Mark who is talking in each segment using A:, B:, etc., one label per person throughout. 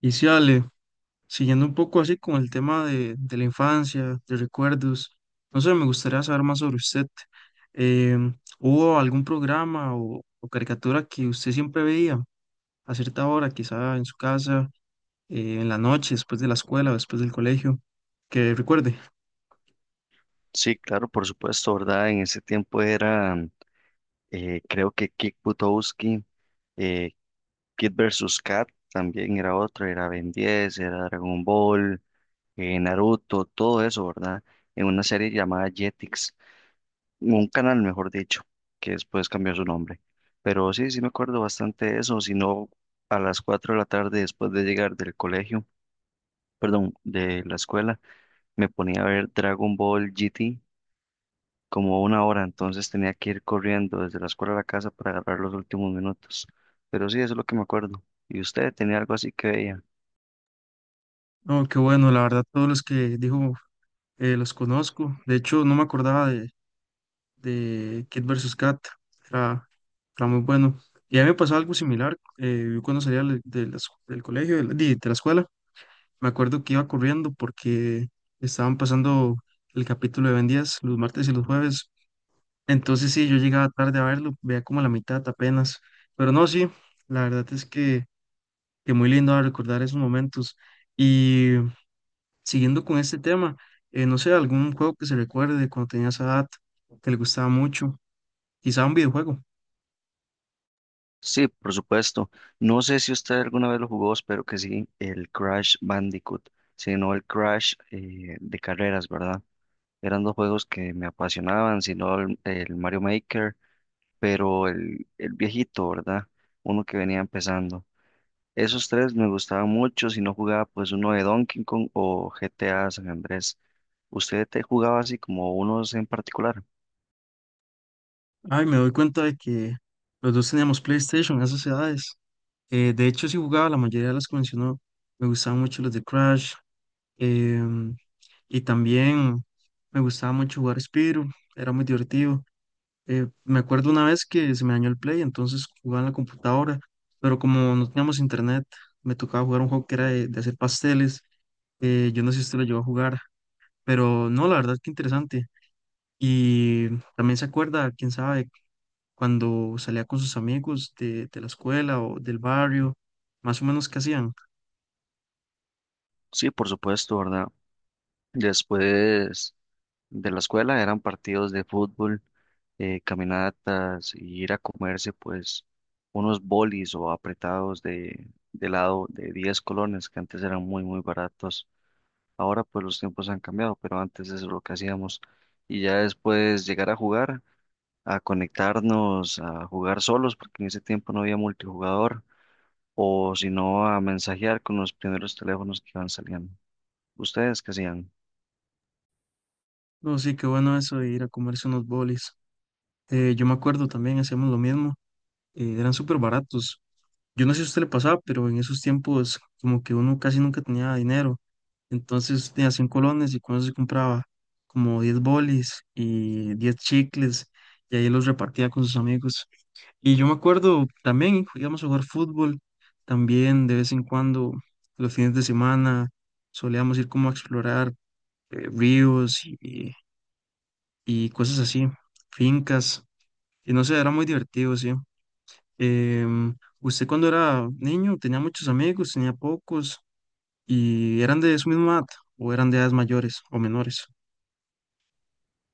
A: Y sí, Ale, siguiendo un poco así con el tema de la infancia, de recuerdos, no sé, me gustaría saber más sobre usted. ¿Hubo algún programa o caricatura que usted siempre veía a cierta hora, quizá en su casa, en la noche, después de la escuela, o después del colegio? Que recuerde.
B: Sí, claro, por supuesto, ¿verdad? En ese tiempo era, creo que Kick Butowski, eh, Kid versus Kat también era otro, era Ben 10, era Dragon Ball, Naruto, todo eso, ¿verdad? En una serie llamada Jetix, un canal, mejor dicho, que después cambió su nombre. Pero sí, sí me acuerdo bastante de eso, si no, a las 4:00 de la tarde después de llegar del colegio, perdón, de la escuela, me ponía a ver Dragon Ball GT como una hora, entonces tenía que ir corriendo desde la escuela a la casa para agarrar los últimos minutos. Pero sí, eso es lo que me acuerdo. ¿Y usted tenía algo así que veía?
A: No, qué bueno, la verdad, todos los que dijo los conozco. De hecho, no me acordaba de Kid versus Kat. Era, era muy bueno. Y a mí me pasó algo similar. Yo cuando salía del colegio, de la escuela, me acuerdo que iba corriendo porque estaban pasando el capítulo de Ben 10 los martes y los jueves. Entonces sí, yo llegaba tarde a verlo, veía como la mitad apenas. Pero no, sí, la verdad es que muy lindo a recordar esos momentos. Y siguiendo con este tema, no sé, algún juego que se recuerde cuando tenía esa edad, que le gustaba mucho, quizá un videojuego.
B: Sí, por supuesto. No sé si usted alguna vez lo jugó, espero que sí, el Crash Bandicoot, sino el Crash de carreras, ¿verdad? Eran dos juegos que me apasionaban, sino el Mario Maker, pero el viejito, ¿verdad? Uno que venía empezando. Esos tres me gustaban mucho, si no jugaba pues uno de Donkey Kong o GTA San Andrés. ¿Usted te jugaba así como unos en particular?
A: Ay, me doy cuenta de que los dos teníamos PlayStation a esas edades. De hecho, sí jugaba la mayoría de las que mencionó. Me gustaban mucho los de Crash. em, y también me gustaba mucho jugar Spyro. Era muy divertido. Me acuerdo una vez que se me dañó el Play, entonces jugaba en la computadora. Pero como no teníamos internet, me tocaba jugar un juego que era de hacer pasteles. Yo no sé si usted lo llegó a jugar. Pero no, la verdad que interesante. Y también se acuerda, quién sabe cuando salía con sus amigos de la escuela o del barrio, más o menos qué hacían.
B: Sí, por supuesto, ¿verdad? Después de la escuela eran partidos de fútbol, caminatas y ir a comerse pues unos bolis o apretados de helado de 10 colones que antes eran muy muy baratos. Ahora pues los tiempos han cambiado, pero antes eso es lo que hacíamos. Y ya después llegar a jugar. A conectarnos, a jugar solos, porque en ese tiempo no había multijugador, o si no, a mensajear con los primeros teléfonos que iban saliendo. ¿Ustedes qué hacían?
A: No, sí, qué bueno eso de ir a comerse unos bolis. Yo me acuerdo también, hacíamos lo mismo, eran súper baratos. Yo no sé si a usted le pasaba, pero en esos tiempos como que uno casi nunca tenía dinero. Entonces tenía 100 colones y con eso se compraba como 10 bolis y 10 chicles y ahí los repartía con sus amigos. Y yo me acuerdo también íbamos a jugar fútbol, también de vez en cuando, los fines de semana, solíamos ir como a explorar ríos y cosas así, fincas, y no sé, era muy divertido, sí. Em, ¿Usted cuando era niño tenía muchos amigos, tenía pocos, y eran de su misma edad, o eran de edades mayores o menores?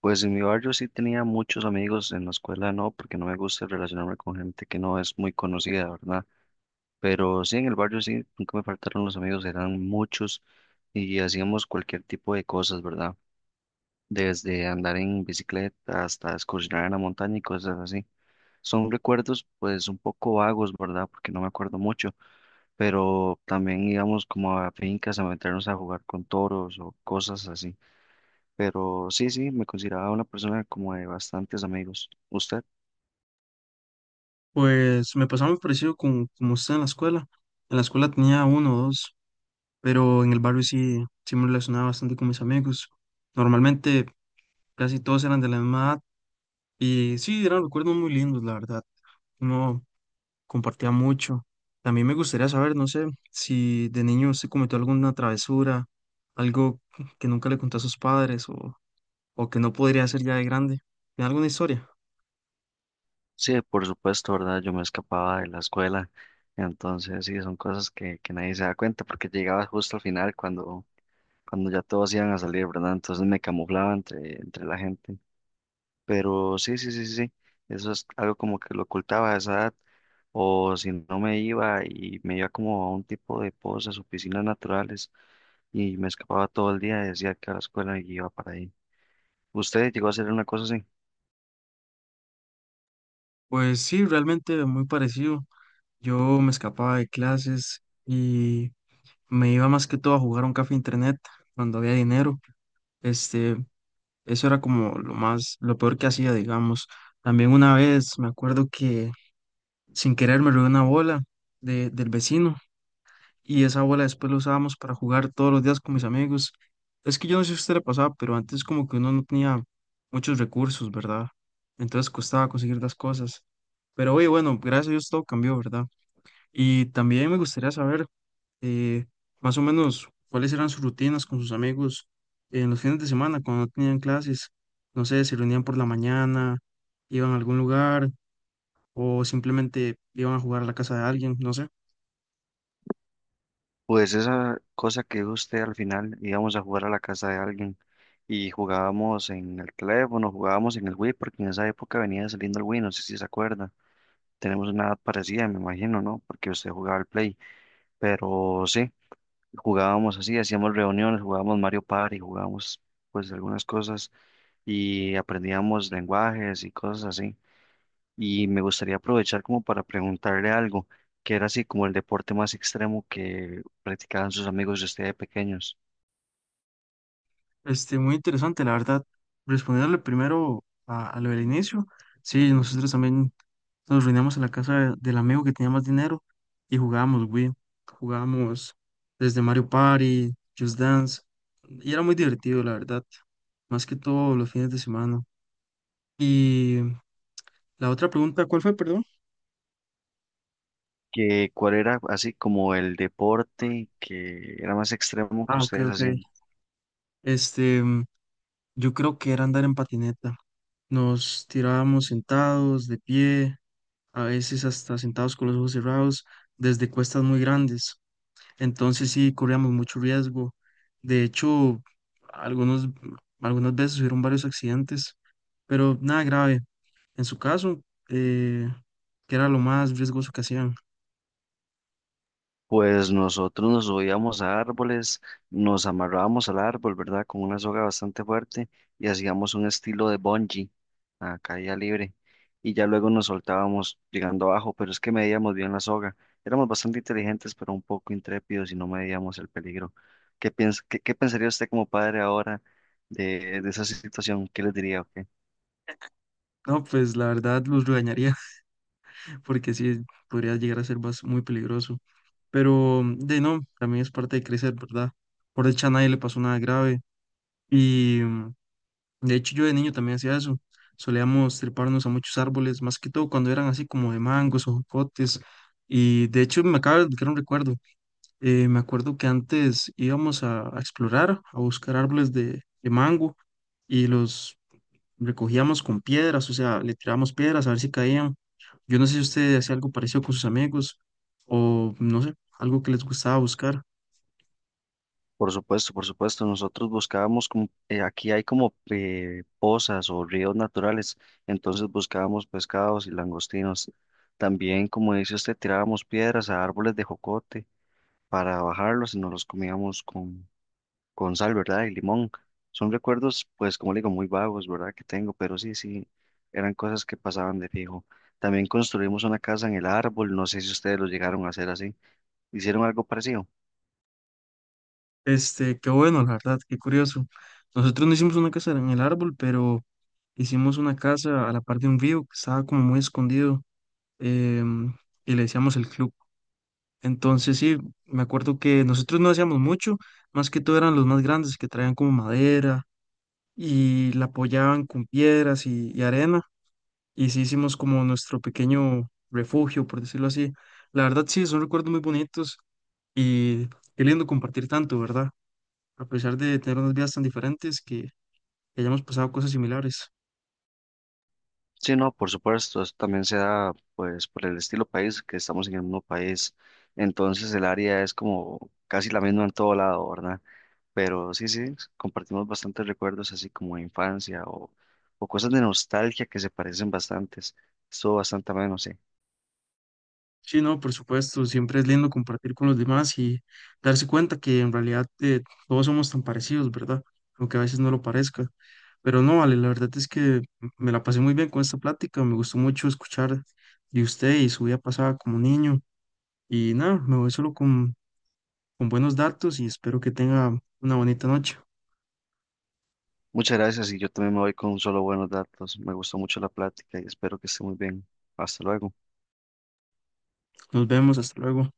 B: Pues en mi barrio sí tenía muchos amigos, en la escuela no, porque no me gusta relacionarme con gente que no es muy conocida, ¿verdad? Pero sí, en el barrio sí, nunca me faltaron los amigos, eran muchos y hacíamos cualquier tipo de cosas, ¿verdad? Desde andar en bicicleta hasta excursionar en la montaña y cosas así. Son recuerdos pues un poco vagos, ¿verdad? Porque no me acuerdo mucho, pero también íbamos como a fincas a meternos a jugar con toros o cosas así. Pero sí, sí, me consideraba una persona como de bastantes amigos. ¿Usted?
A: Pues me pasaba muy parecido como usted en la escuela. En la escuela tenía uno o dos. Pero en el barrio sí, sí me relacionaba bastante con mis amigos. Normalmente casi todos eran de la misma edad y sí, eran recuerdos muy lindos, la verdad. Uno compartía mucho. También me gustaría saber, no sé, si de niño se cometió alguna travesura, algo que nunca le contó a sus padres o que no podría hacer ya de grande. ¿Tiene alguna historia?
B: Sí, por supuesto, ¿verdad? Yo me escapaba de la escuela, entonces sí, son cosas que nadie se da cuenta porque llegaba justo al final cuando, cuando ya todos iban a salir, ¿verdad? Entonces me camuflaba entre la gente. Pero sí, sí, sí, sí, sí. Eso es algo como que lo ocultaba a esa edad, o si no me iba y me iba como a un tipo de pozas o piscinas naturales y me escapaba todo el día, decía que a la escuela y iba para ahí. ¿Usted llegó a hacer una cosa así?
A: Pues sí, realmente muy parecido. Yo me escapaba de clases y me iba más que todo a jugar a un café internet cuando había dinero. Este, Eso era como lo más, lo peor que hacía, digamos. También una vez me acuerdo que sin querer me robé una bola del vecino y esa bola después la usábamos para jugar todos los días con mis amigos. Es que yo no sé si a usted le pasaba, pero antes como que uno no tenía muchos recursos, ¿verdad? Entonces costaba conseguir las cosas. Pero oye, bueno, gracias a Dios todo cambió, ¿verdad? Y también me gustaría saber eh, más o menos cuáles eran sus rutinas con sus amigos en los fines de semana cuando no tenían clases. No sé, se reunían por la mañana, iban a algún lugar o simplemente iban a jugar a la casa de alguien, no sé.
B: Pues esa cosa que dijo usted al final, íbamos a jugar a la casa de alguien y jugábamos en el teléfono, jugábamos en el Wii, porque en esa época venía saliendo el Wii, no sé si se acuerda. Tenemos una edad parecida, me imagino, ¿no? Porque usted jugaba al Play, pero sí. Jugábamos así, hacíamos reuniones, jugábamos Mario Party, jugábamos pues algunas cosas y aprendíamos lenguajes y cosas así. Y me gustaría aprovechar como para preguntarle algo, que era así como el deporte más extremo que practicaban sus amigos de ustedes pequeños.
A: Muy interesante, la verdad. Responderle primero a lo del inicio. Sí, nosotros también nos reuníamos en la casa del amigo que tenía más dinero y jugábamos Wii. Jugábamos desde Mario Party, Just Dance. Y era muy divertido, la verdad. Más que todo los fines de semana. Y la otra pregunta, ¿cuál fue, perdón?
B: Que cuál era así como el deporte que era más extremo que
A: Ah, ok,
B: ustedes
A: ok.
B: hacían.
A: Este, mm, yo creo que era andar en patineta. Nos tirábamos sentados, de pie. A veces hasta sentados con los ojos cerrados, desde cuestas muy grandes. Entonces sí corríamos mucho riesgo. De hecho, algunos, algunas veces hubieron varios accidentes, pero nada grave. En su caso, eh, que era lo más riesgoso que hacían.
B: Pues nosotros nos subíamos a árboles, nos amarrábamos al árbol, ¿verdad? Con una soga bastante fuerte y hacíamos un estilo de bungee a caída libre y ya luego nos soltábamos llegando abajo, pero es que medíamos bien la soga. Éramos bastante inteligentes, pero un poco intrépidos y no medíamos el peligro. ¿Qué pensaría usted como padre ahora de esa situación? ¿Qué les diría? O
A: No, pues la verdad los regañaría porque sí podría llegar a ser muy peligroso. Pero de no, también es parte de crecer, ¿verdad? Por dicha a nadie le pasó nada grave y de hecho, yo de niño también hacía eso. Solíamos treparnos a muchos árboles, más que todo cuando eran así como de mangos o jocotes. Y de hecho, me acaba de desbloquear un recuerdo. Me acuerdo que antes íbamos a explorar, a buscar árboles de mango y los recogíamos con piedras, o sea, le tirábamos piedras a ver si caían. Yo no sé si usted hacía algo parecido con sus amigos o no sé, algo que les gustaba buscar.
B: por supuesto, por supuesto. Nosotros buscábamos, como, aquí hay como pozas o ríos naturales, entonces buscábamos pescados y langostinos. También, como dice usted, tirábamos piedras a árboles de jocote para bajarlos y nos los comíamos con sal, ¿verdad? Y limón. Son recuerdos, pues, como le digo, muy vagos, ¿verdad? Que tengo, pero sí, sí, eran cosas que pasaban de fijo. También construimos una casa en el árbol, no sé si ustedes lo llegaron a hacer así. ¿Hicieron algo parecido?
A: Qué bueno, la verdad, qué curioso. Nosotros no hicimos una casa en el árbol, pero hicimos una casa a la par de un río que estaba como muy escondido, em, y le decíamos el club. Entonces, sí, me acuerdo que nosotros no hacíamos mucho, más que todo eran los más grandes que traían como madera y la apoyaban con piedras y arena. Y sí hicimos como nuestro pequeño refugio, por decirlo así. La verdad, sí, son recuerdos muy bonitos y qué lindo compartir tanto, ¿verdad? A pesar de tener unas vidas tan diferentes, que hayamos pasado cosas similares.
B: Sí, no, por supuesto, eso también se da pues por el estilo país, que estamos en el mismo país, entonces el área es como casi la misma en todo lado, ¿verdad? Pero sí, sí, compartimos bastantes recuerdos así como de infancia o cosas de nostalgia que se parecen bastantes, estuvo bastante ameno, sí.
A: Sí, no, por supuesto, siempre es lindo compartir con los demás y darse cuenta que en realidad todos somos tan parecidos, ¿verdad? Aunque a veces no lo parezca. Pero no, vale, la verdad es que me la pasé muy bien con esta plática, me gustó mucho escuchar de usted y su vida pasada como niño. Y nada, me voy solo con buenos datos y espero que tenga una bonita noche.
B: Muchas gracias y yo también me voy con solo buenos datos, me gustó mucho la plática y espero que esté muy bien, hasta luego.
A: Nos vemos, hasta luego.